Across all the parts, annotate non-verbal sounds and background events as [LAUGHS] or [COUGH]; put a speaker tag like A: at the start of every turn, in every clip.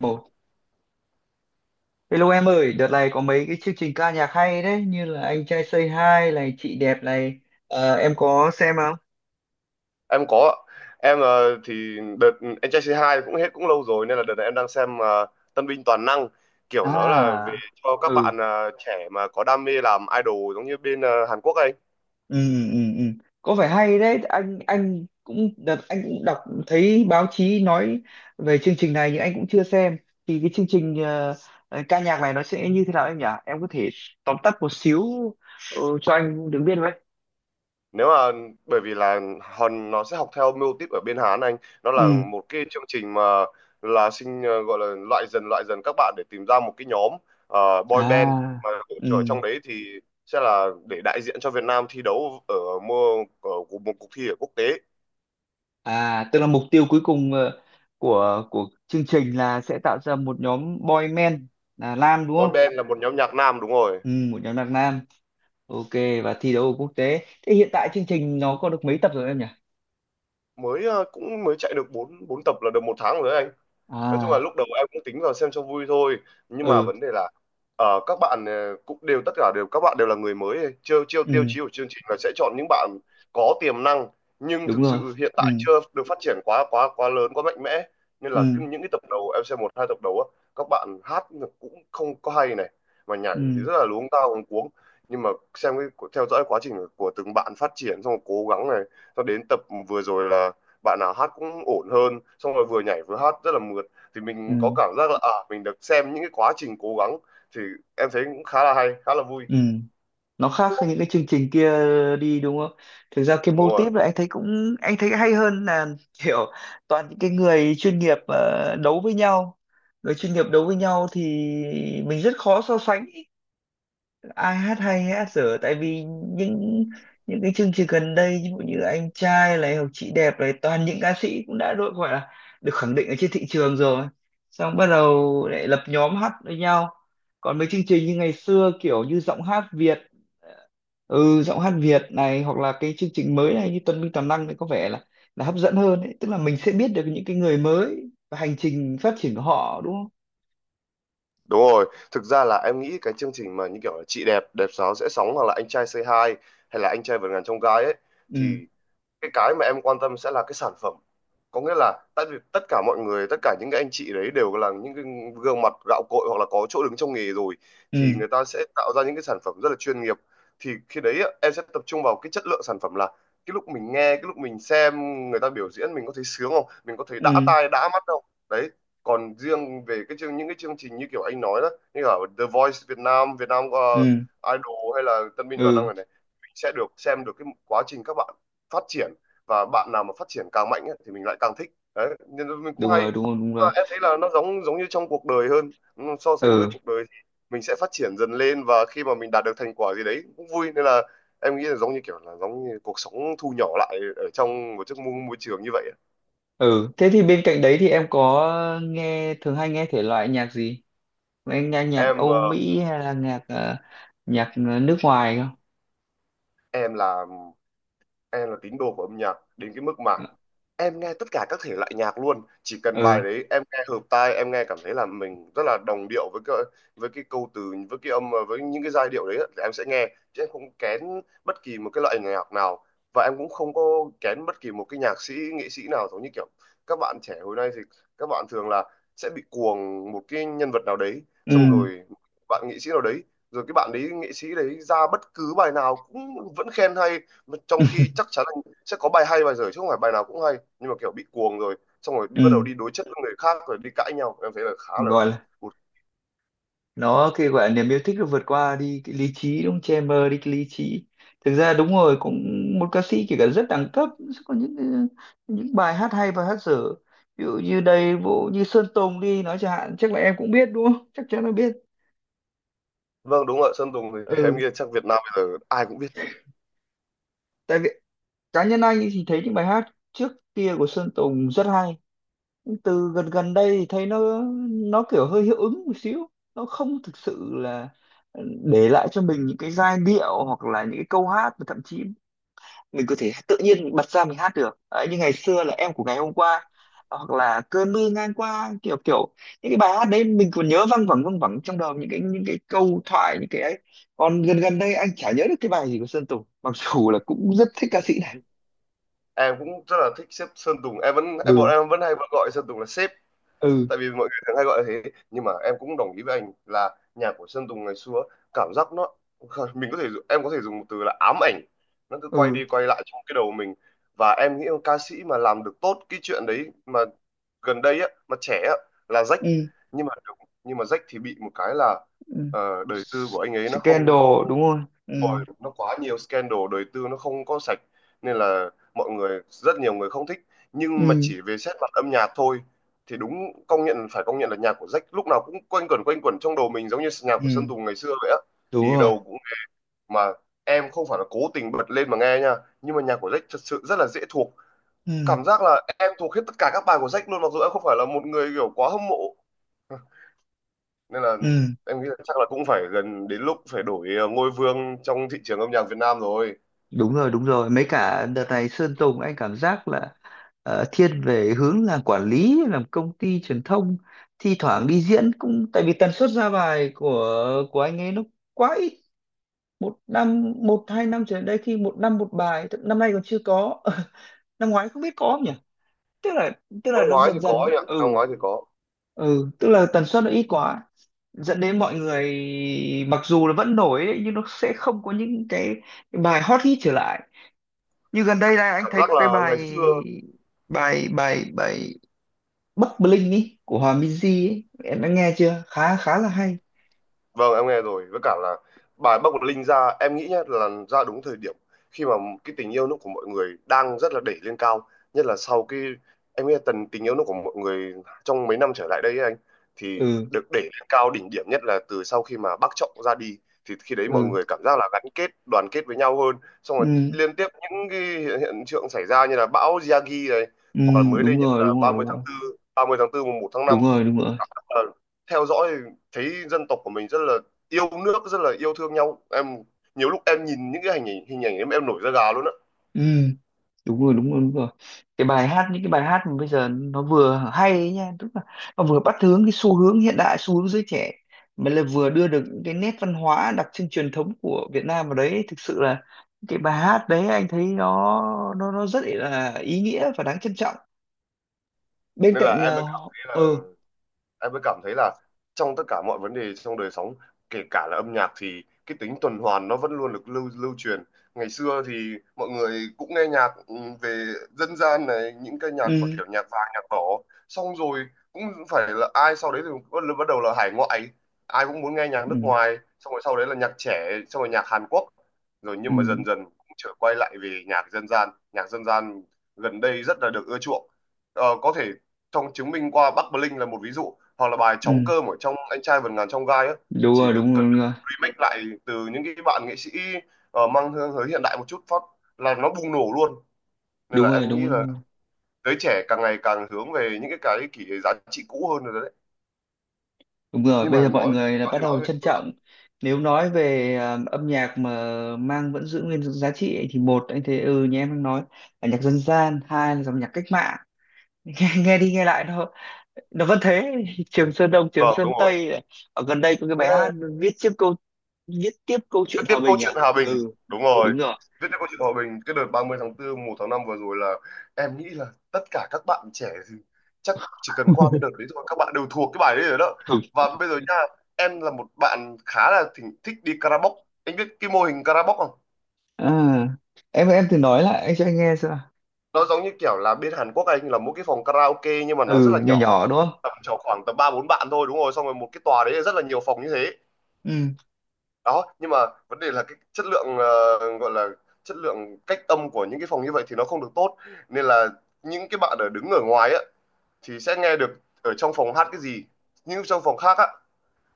A: Một. Hello em ơi, đợt này có mấy cái chương trình ca nhạc hay đấy, như là Anh trai Say Hi này, Chị đẹp này. Em có xem không?
B: Em có ạ. Em thì đợt anh trai C2 cũng hết cũng lâu rồi, nên là đợt này em đang xem Tân binh toàn năng. Kiểu nó là về
A: À,
B: cho các bạn
A: ừ,
B: trẻ mà có đam mê làm idol, giống như bên Hàn Quốc ấy.
A: ừ, ừ, ừ. Có vẻ hay đấy, anh cũng đợt anh cũng đọc thấy báo chí nói về chương trình này nhưng anh cũng chưa xem. Thì cái chương trình ca nhạc này nó sẽ như thế nào em nhỉ? Em có thể tóm tắt một xíu cho anh được biết với.
B: Nếu mà, bởi vì là hòn nó sẽ học theo mưu típ ở bên Hàn anh, nó là
A: Ừ.
B: một cái chương trình mà là sinh, gọi là loại dần các bạn để tìm ra một cái nhóm, boy band
A: À.
B: mà
A: Ừ.
B: ở trong đấy thì sẽ là để đại diện cho Việt Nam thi đấu ở mùa ở một cuộc thi ở quốc tế.
A: À, tức là mục tiêu cuối cùng của chương trình là sẽ tạo ra một nhóm boy men là nam đúng
B: Boy
A: không?
B: band là một nhóm nhạc nam, đúng rồi.
A: Ừ, một nhóm là nam. Ok và thi đấu ở quốc tế. Thế hiện tại chương trình nó có được mấy tập rồi em nhỉ?
B: Mới cũng mới chạy được bốn bốn tập là được một tháng rồi đấy anh. Nói chung là
A: À,
B: lúc đầu em cũng tính vào xem cho vui thôi, nhưng mà
A: ừ,
B: vấn đề là các bạn cũng đều tất cả đều các bạn đều là người mới, chiêu chiêu tiêu
A: ừ,
B: chí của chương trình là sẽ chọn những bạn có tiềm năng, nhưng
A: đúng
B: thực
A: rồi.
B: sự hiện
A: Ừ,
B: tại chưa được phát triển quá quá quá lớn, quá mạnh mẽ. Nên là cứ
A: ừ,
B: những cái tập đầu em xem một hai tập đầu á, các bạn hát cũng không có hay này, mà nhảy thì
A: ừ,
B: rất là luống cuống. Nhưng mà xem cái theo dõi quá trình của từng bạn phát triển xong rồi cố gắng này, cho đến tập vừa rồi là bạn nào hát cũng ổn hơn, xong rồi vừa nhảy vừa hát rất là mượt, thì
A: ừ,
B: mình có
A: ừ.
B: cảm giác là à mình được xem những cái quá trình cố gắng, thì em thấy cũng khá là hay, khá là vui.
A: Ừ. Nó khác với những cái chương trình kia đi đúng không, thực ra cái
B: Đúng
A: mô
B: rồi,
A: típ là anh thấy cũng anh thấy hay hơn là [LAUGHS] kiểu toàn những cái người chuyên nghiệp đấu với nhau. Người chuyên nghiệp đấu với nhau thì mình rất khó so sánh ý. Ai hát hay ai hát dở tại vì những những cái chương trình gần đây ví dụ như anh trai này hoặc chị đẹp này toàn những ca sĩ cũng đã đội gọi là được khẳng định ở trên thị trường rồi, xong bắt đầu lại lập nhóm hát với nhau. Còn mấy chương trình như ngày xưa kiểu như giọng hát Việt này hoặc là cái chương trình mới này như Tuần Minh Toàn Năng thì có vẻ là hấp dẫn hơn ấy. Tức là mình sẽ biết được những cái người mới và hành trình phát triển của họ đúng không?
B: đúng rồi. Thực ra là em nghĩ cái chương trình mà như kiểu là chị đẹp đẹp sáo sẽ sóng, hoặc là anh trai say hi, hay là anh trai vượt ngàn chông gai ấy,
A: Ừ,
B: thì cái mà em quan tâm sẽ là cái sản phẩm. Có nghĩa là tại vì tất cả mọi người, tất cả những cái anh chị đấy đều là những cái gương mặt gạo cội, hoặc là có chỗ đứng trong nghề rồi, thì
A: ừ,
B: người ta sẽ tạo ra những cái sản phẩm rất là chuyên nghiệp. Thì khi đấy á, em sẽ tập trung vào cái chất lượng sản phẩm, là cái lúc mình nghe, cái lúc mình xem người ta biểu diễn, mình có thấy sướng không, mình có thấy đã
A: ừ,
B: tai đã mắt không. Đấy, còn riêng về cái chương, những cái chương trình như kiểu anh nói đó, như ở The Voice Việt Nam Việt Nam,
A: ừ,
B: Idol hay là Tân binh toàn năng
A: ừ,
B: này này, mình sẽ được xem được cái quá trình các bạn phát triển, và bạn nào mà phát triển càng mạnh ấy, thì mình lại càng thích đấy, nên mình cũng
A: đúng
B: hay.
A: rồi, đúng rồi, đúng
B: Và
A: rồi,
B: em thấy là nó giống giống như trong cuộc đời hơn, so sánh với
A: ừ,
B: cuộc đời thì mình sẽ phát triển dần lên, và khi mà mình đạt được thành quả gì đấy cũng vui, nên là em nghĩ là giống như kiểu là giống như cuộc sống thu nhỏ lại ở trong một chiếc môi trường như vậy ấy.
A: ừ. Thế thì bên cạnh đấy thì em có nghe thường hay nghe thể loại nhạc gì? Em nghe nhạc
B: em
A: Âu
B: ờ,
A: Mỹ hay là nhạc nước ngoài không?
B: em là em là tín đồ của âm nhạc đến cái mức mà
A: Ờ,
B: em nghe tất cả các thể loại nhạc luôn, chỉ cần
A: Ừ,
B: bài đấy em nghe hợp tai, em nghe cảm thấy là mình rất là đồng điệu với cái, câu từ, với cái âm, với những cái giai điệu đấy á, thì em sẽ nghe. Chứ em không kén bất kỳ một cái loại nhạc nào, và em cũng không có kén bất kỳ một cái nhạc sĩ nghệ sĩ nào. Giống như kiểu các bạn trẻ hồi nay thì các bạn thường là sẽ bị cuồng một cái nhân vật nào đấy,
A: ừ.
B: xong rồi bạn nghệ sĩ nào đấy, rồi cái bạn đấy nghệ sĩ đấy ra bất cứ bài nào cũng vẫn khen hay, mà trong
A: [LAUGHS]
B: khi chắc chắn là sẽ có bài hay bài dở chứ không phải bài nào cũng hay. Nhưng mà kiểu bị cuồng rồi xong rồi đi bắt đầu
A: Ừ,
B: đi đối chất với người khác rồi đi cãi nhau, em thấy là khá là
A: gọi là
B: cụt.
A: nó cái gọi là niềm yêu thích nó vượt qua đi cái lý trí đúng không? Che mờ đi cái lý trí. Thực ra đúng rồi, cũng một ca sĩ kể cả rất đẳng cấp sẽ có những bài hát hay và hát dở, ví dụ như đây vụ như Sơn Tùng đi nói chẳng hạn, chắc là em cũng biết đúng không, chắc chắn là biết.
B: Vâng đúng rồi, Sơn Tùng thì [LAUGHS] em
A: Ừ,
B: nghĩ là chắc Việt Nam bây giờ ai cũng biết.
A: tại vì cá nhân anh ấy thì thấy những bài hát trước kia của Sơn Tùng rất hay. Nhưng từ gần gần đây thì thấy nó kiểu hơi hiệu ứng một xíu, nó không thực sự là để lại cho mình những cái giai điệu hoặc là những cái câu hát mà thậm chí mình có thể tự nhiên bật ra mình hát được. Đấy, như ngày xưa là em của ngày hôm qua hoặc là cơn mưa ngang qua, kiểu kiểu những cái bài hát đấy mình còn nhớ văng vẳng trong đầu, những cái câu thoại những cái ấy. Còn gần gần đây anh chả nhớ được cái bài gì của Sơn Tùng mặc dù là cũng rất thích ca sĩ này.
B: Em cũng rất là thích sếp Sơn Tùng, em vẫn em
A: Ừ,
B: bọn em vẫn hay vẫn gọi Sơn Tùng là sếp
A: ừ,
B: tại vì mọi người thường hay gọi là thế. Nhưng mà em cũng đồng ý với anh là nhạc của Sơn Tùng ngày xưa cảm giác nó [LAUGHS] mình có thể em có thể dùng một từ là ám ảnh, nó cứ quay
A: ừ,
B: đi quay lại trong cái đầu mình. Và em nghĩ ca sĩ mà làm được tốt cái chuyện đấy mà gần đây á, mà trẻ á, là Jack.
A: ừ,
B: Nhưng mà nhưng mà Jack thì bị một cái là
A: ừ.
B: đời tư của anh ấy nó không có,
A: Scandal đúng không? Ừ,
B: rồi nó quá nhiều scandal, đời tư nó không có sạch, nên là mọi người, rất nhiều người không thích. Nhưng mà
A: ừ,
B: chỉ về xét mặt âm nhạc thôi, thì đúng, công nhận phải công nhận là nhạc của Jack lúc nào cũng quanh quẩn trong đầu mình giống như nhạc của Sơn
A: ừ,
B: Tùng ngày xưa vậy á,
A: đúng
B: đi
A: rồi,
B: đâu cũng, mà em không phải là cố tình bật lên mà nghe nha, nhưng mà nhạc của Jack thật sự rất là dễ thuộc.
A: ừ,
B: Cảm giác là em thuộc hết tất cả các bài của Jack luôn, mặc dù em không phải là một người kiểu quá hâm mộ. [LAUGHS] Nên là
A: ừ,
B: em nghĩ là chắc là cũng phải gần đến lúc phải đổi ngôi vương trong thị trường âm nhạc Việt Nam rồi.
A: đúng rồi, đúng rồi, mấy cả đợt này Sơn Tùng anh cảm giác là thiên về hướng làm quản lý làm công ty truyền thông, thi thoảng đi diễn cũng tại vì tần suất ra bài của anh ấy nó quá ít. Một năm một hai năm trở lại đây khi một năm một bài năm nay còn chưa có. [LAUGHS] Năm ngoái không biết có không nhỉ, tức là tức là
B: Năm
A: nó
B: ngoái thì
A: dần
B: có
A: dần.
B: anh ạ, năm
A: Ừ,
B: ngoái thì có.
A: ừ, tức là tần suất nó ít quá, dẫn đến mọi người mặc dù là vẫn nổi đấy, nhưng nó sẽ không có những cái bài hot hit trở lại, như gần đây này anh
B: Cảm
A: thấy
B: giác
A: có cái
B: là ngày
A: bài
B: xưa.
A: bài bài bài Bắc Bling ý của Hòa Minzy ấy em đã nghe chưa, khá khá là hay.
B: Vâng, em nghe rồi. Với cả là bài Bắc Bột Linh ra, em nghĩ nhá, là ra đúng thời điểm khi mà cái tình yêu nước của mọi người đang rất là đẩy lên cao. Nhất là sau cái, em nghĩ là tần tình yêu nước của mọi người trong mấy năm trở lại đây ấy anh, thì
A: Ừ,
B: được đẩy lên cao đỉnh điểm nhất là từ sau khi mà bác Trọng ra đi. Thì khi đấy mọi
A: ừ,
B: người cảm giác là gắn kết, đoàn kết với nhau hơn. Xong
A: ừ,
B: rồi liên tiếp những cái hiện tượng xảy ra như là bão Yagi này,
A: ừ,
B: hoặc là mới đây
A: đúng
B: nhất
A: rồi,
B: là
A: đúng rồi, đúng rồi,
B: 30 tháng 4, mùng 1 tháng 5.
A: đúng rồi, đúng rồi,
B: Ờ, theo dõi thấy dân tộc của mình rất là yêu nước, rất là yêu thương nhau, em nhiều lúc em nhìn những cái hình ảnh, em nổi da gà luôn á.
A: ừ, đúng rồi, đúng rồi, đúng rồi. Cái bài hát những cái bài hát mà bây giờ nó vừa hay ấy nha, tức là nó vừa bắt hướng cái xu hướng hiện đại xu hướng giới trẻ mà lại vừa đưa được những cái nét văn hóa đặc trưng truyền thống của Việt Nam vào đấy, thực sự là cái bài hát đấy anh thấy nó rất là ý nghĩa và đáng trân trọng bên
B: Nên
A: cạnh
B: là em mới cảm thấy là
A: ừ,
B: em mới cảm thấy là trong tất cả mọi vấn đề trong đời sống, kể cả là âm nhạc, thì cái tính tuần hoàn nó vẫn luôn được lưu lưu truyền. Ngày xưa thì mọi người cũng nghe nhạc, về dân gian này, những cái nhạc mà
A: ừ,
B: kiểu nhạc vàng nhạc đỏ, xong rồi cũng phải là ai, sau đấy thì bắt bắt đầu là hải ngoại, ai cũng muốn nghe nhạc nước
A: ừ,
B: ngoài, xong rồi sau đấy là nhạc trẻ, xong rồi nhạc Hàn Quốc rồi.
A: ừ,
B: Nhưng mà dần dần cũng trở quay lại về nhạc dân gian, gần đây rất là được ưa chuộng. Có thể trong chứng minh qua Bắc Bling là một ví dụ, hoặc là bài trống
A: ừ,
B: cơm ở trong anh trai vượt ngàn chông gai á,
A: đúng
B: chỉ
A: rồi,
B: được
A: đúng rồi,
B: cần
A: đúng
B: được
A: rồi,
B: remake lại từ những cái bạn nghệ sĩ, mang hương hơi hiện đại một chút phát là nó bùng nổ luôn. Nên
A: đúng
B: là
A: rồi,
B: em nghĩ là
A: đúng rồi.
B: giới trẻ càng ngày càng hướng về những cái kỷ giá trị cũ hơn rồi đấy.
A: Đúng rồi,
B: Nhưng mà
A: bây giờ
B: nói
A: mọi người là
B: nói
A: bắt
B: thì nói
A: đầu
B: vậy
A: trân
B: thôi chứ.
A: trọng. Nếu nói về âm nhạc mà mang vẫn giữ nguyên giá trị ấy, thì một anh thấy như em đang nói là nhạc dân gian, hai là dòng nhạc cách mạng. [LAUGHS] Nghe đi nghe lại nó vẫn thế. [LAUGHS] Trường Sơn Đông, Trường
B: Vâng đúng
A: Sơn
B: rồi.
A: Tây này. Ở gần đây có cái bài hát
B: Nghe.
A: viết tiếp câu viết tiếp câu
B: Viết
A: chuyện
B: tiếp
A: hòa
B: câu
A: bình
B: chuyện
A: à?
B: Hòa Bình,
A: Ừ,
B: đúng rồi.
A: đúng rồi.
B: Viết tiếp câu chuyện Hòa Bình, cái đợt ba mươi tháng 4, một tháng năm vừa rồi là em nghĩ là tất cả các bạn trẻ thì chắc chỉ cần qua cái đợt
A: [LAUGHS]
B: đấy thôi các bạn đều thuộc cái bài đấy rồi đó.
A: Ừ.
B: Và bây giờ nha, em là một bạn khá là thỉnh, thích đi karaoke. Anh biết cái mô hình karaoke không?
A: À, em thử nói lại anh cho anh nghe xem nào.
B: Nó giống như kiểu là bên Hàn Quốc anh, là một cái phòng karaoke nhưng mà nó rất
A: Ừ,
B: là
A: nhỏ
B: nhỏ,
A: nhỏ đúng không?
B: tầm chỉ khoảng tầm ba bốn bạn thôi, đúng rồi, xong rồi một cái tòa đấy là rất là nhiều phòng như thế
A: Ừ,
B: đó. Nhưng mà vấn đề là cái chất lượng, gọi là chất lượng cách âm của những cái phòng như vậy thì nó không được tốt, nên là những cái bạn ở đứng ở ngoài á thì sẽ nghe được ở trong phòng hát cái gì. Nhưng trong phòng khác á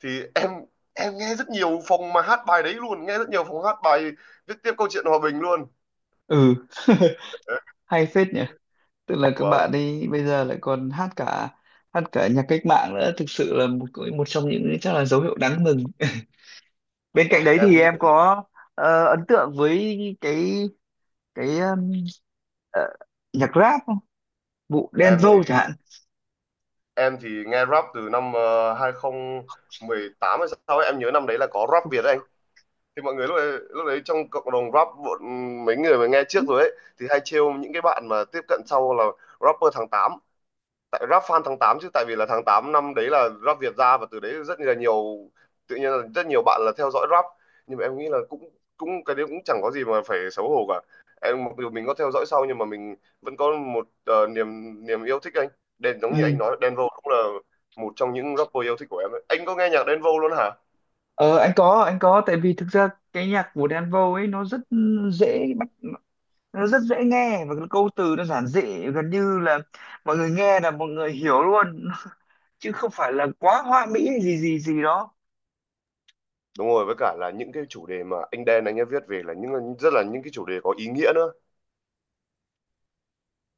B: thì em nghe rất nhiều phòng mà hát bài đấy luôn, nghe rất nhiều phòng hát bài viết tiếp câu chuyện hòa bình luôn.
A: ừ. [LAUGHS]
B: Đấy,
A: Hay phết nhỉ. Tức là các
B: vâng
A: bạn ấy bây giờ lại còn hát cả nhạc cách mạng nữa, thực sự là một một trong những chắc là dấu hiệu đáng mừng. [LAUGHS] Bên cạnh đấy
B: em
A: thì
B: nghĩ
A: em
B: là
A: có ấn tượng với cái cái ờ, nhạc rap không, vụ Đen
B: em thì
A: Vâu chẳng hạn.
B: em thì nghe rap từ năm hai tám hay sao ấy, em nhớ năm đấy là có rap Việt đấy anh. Thì mọi người lúc đấy trong cộng đồng rap bọn, mấy người mà nghe trước rồi ấy thì hay trêu những cái bạn mà tiếp cận sau là rapper tháng 8, tại rap fan tháng 8 chứ, tại vì là tháng 8 năm đấy là rap Việt ra, và từ đấy rất là nhiều, tự nhiên là rất nhiều bạn là theo dõi rap. Nhưng mà em nghĩ là cũng cũng cái đấy cũng chẳng có gì mà phải xấu hổ cả, em mặc dù mình có theo dõi sau nhưng mà mình vẫn có một niềm niềm yêu thích anh đen, giống như anh
A: Ừ.
B: nói Đen Vâu cũng là một trong những rapper yêu thích của em ấy. Anh có nghe nhạc Đen Vâu luôn hả?
A: anh có tại vì thực ra cái nhạc của Đen Vâu ấy nó rất dễ bắt, nó rất dễ nghe và cái câu từ nó giản dị, gần như là mọi người nghe là mọi người hiểu luôn. [LAUGHS] Chứ không phải là quá hoa mỹ hay gì gì gì đó.
B: Đúng rồi, với cả là những cái chủ đề mà anh Đen anh ấy viết về là những rất là những cái chủ đề có ý nghĩa nữa.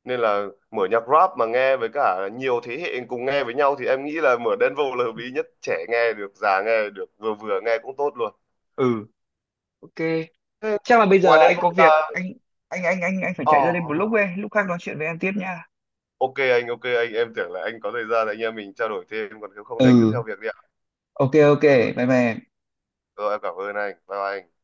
B: Nên là mở nhạc rap mà nghe với cả nhiều thế hệ cùng nghe với nhau thì em nghĩ là mở Đen Vâu là hợp lý nhất. Trẻ nghe được, già nghe được, vừa vừa nghe cũng tốt luôn.
A: Ừ, ok.
B: Thế
A: Chắc là bây
B: ngoài
A: giờ
B: Đen
A: anh có
B: Vâu
A: việc,
B: ra...
A: anh phải chạy ra đây một lúc
B: Oh,
A: ấy, lúc khác nói chuyện với em tiếp nha.
B: ok anh, ok anh. Em tưởng là anh có thời gian anh em mình trao đổi thêm, còn nếu không thì anh cứ
A: Ừ,
B: theo việc đi ạ.
A: ok, ok,
B: Rồi, rồi,
A: bye bye em.
B: rồi em cảm ơn anh. Bye bye anh.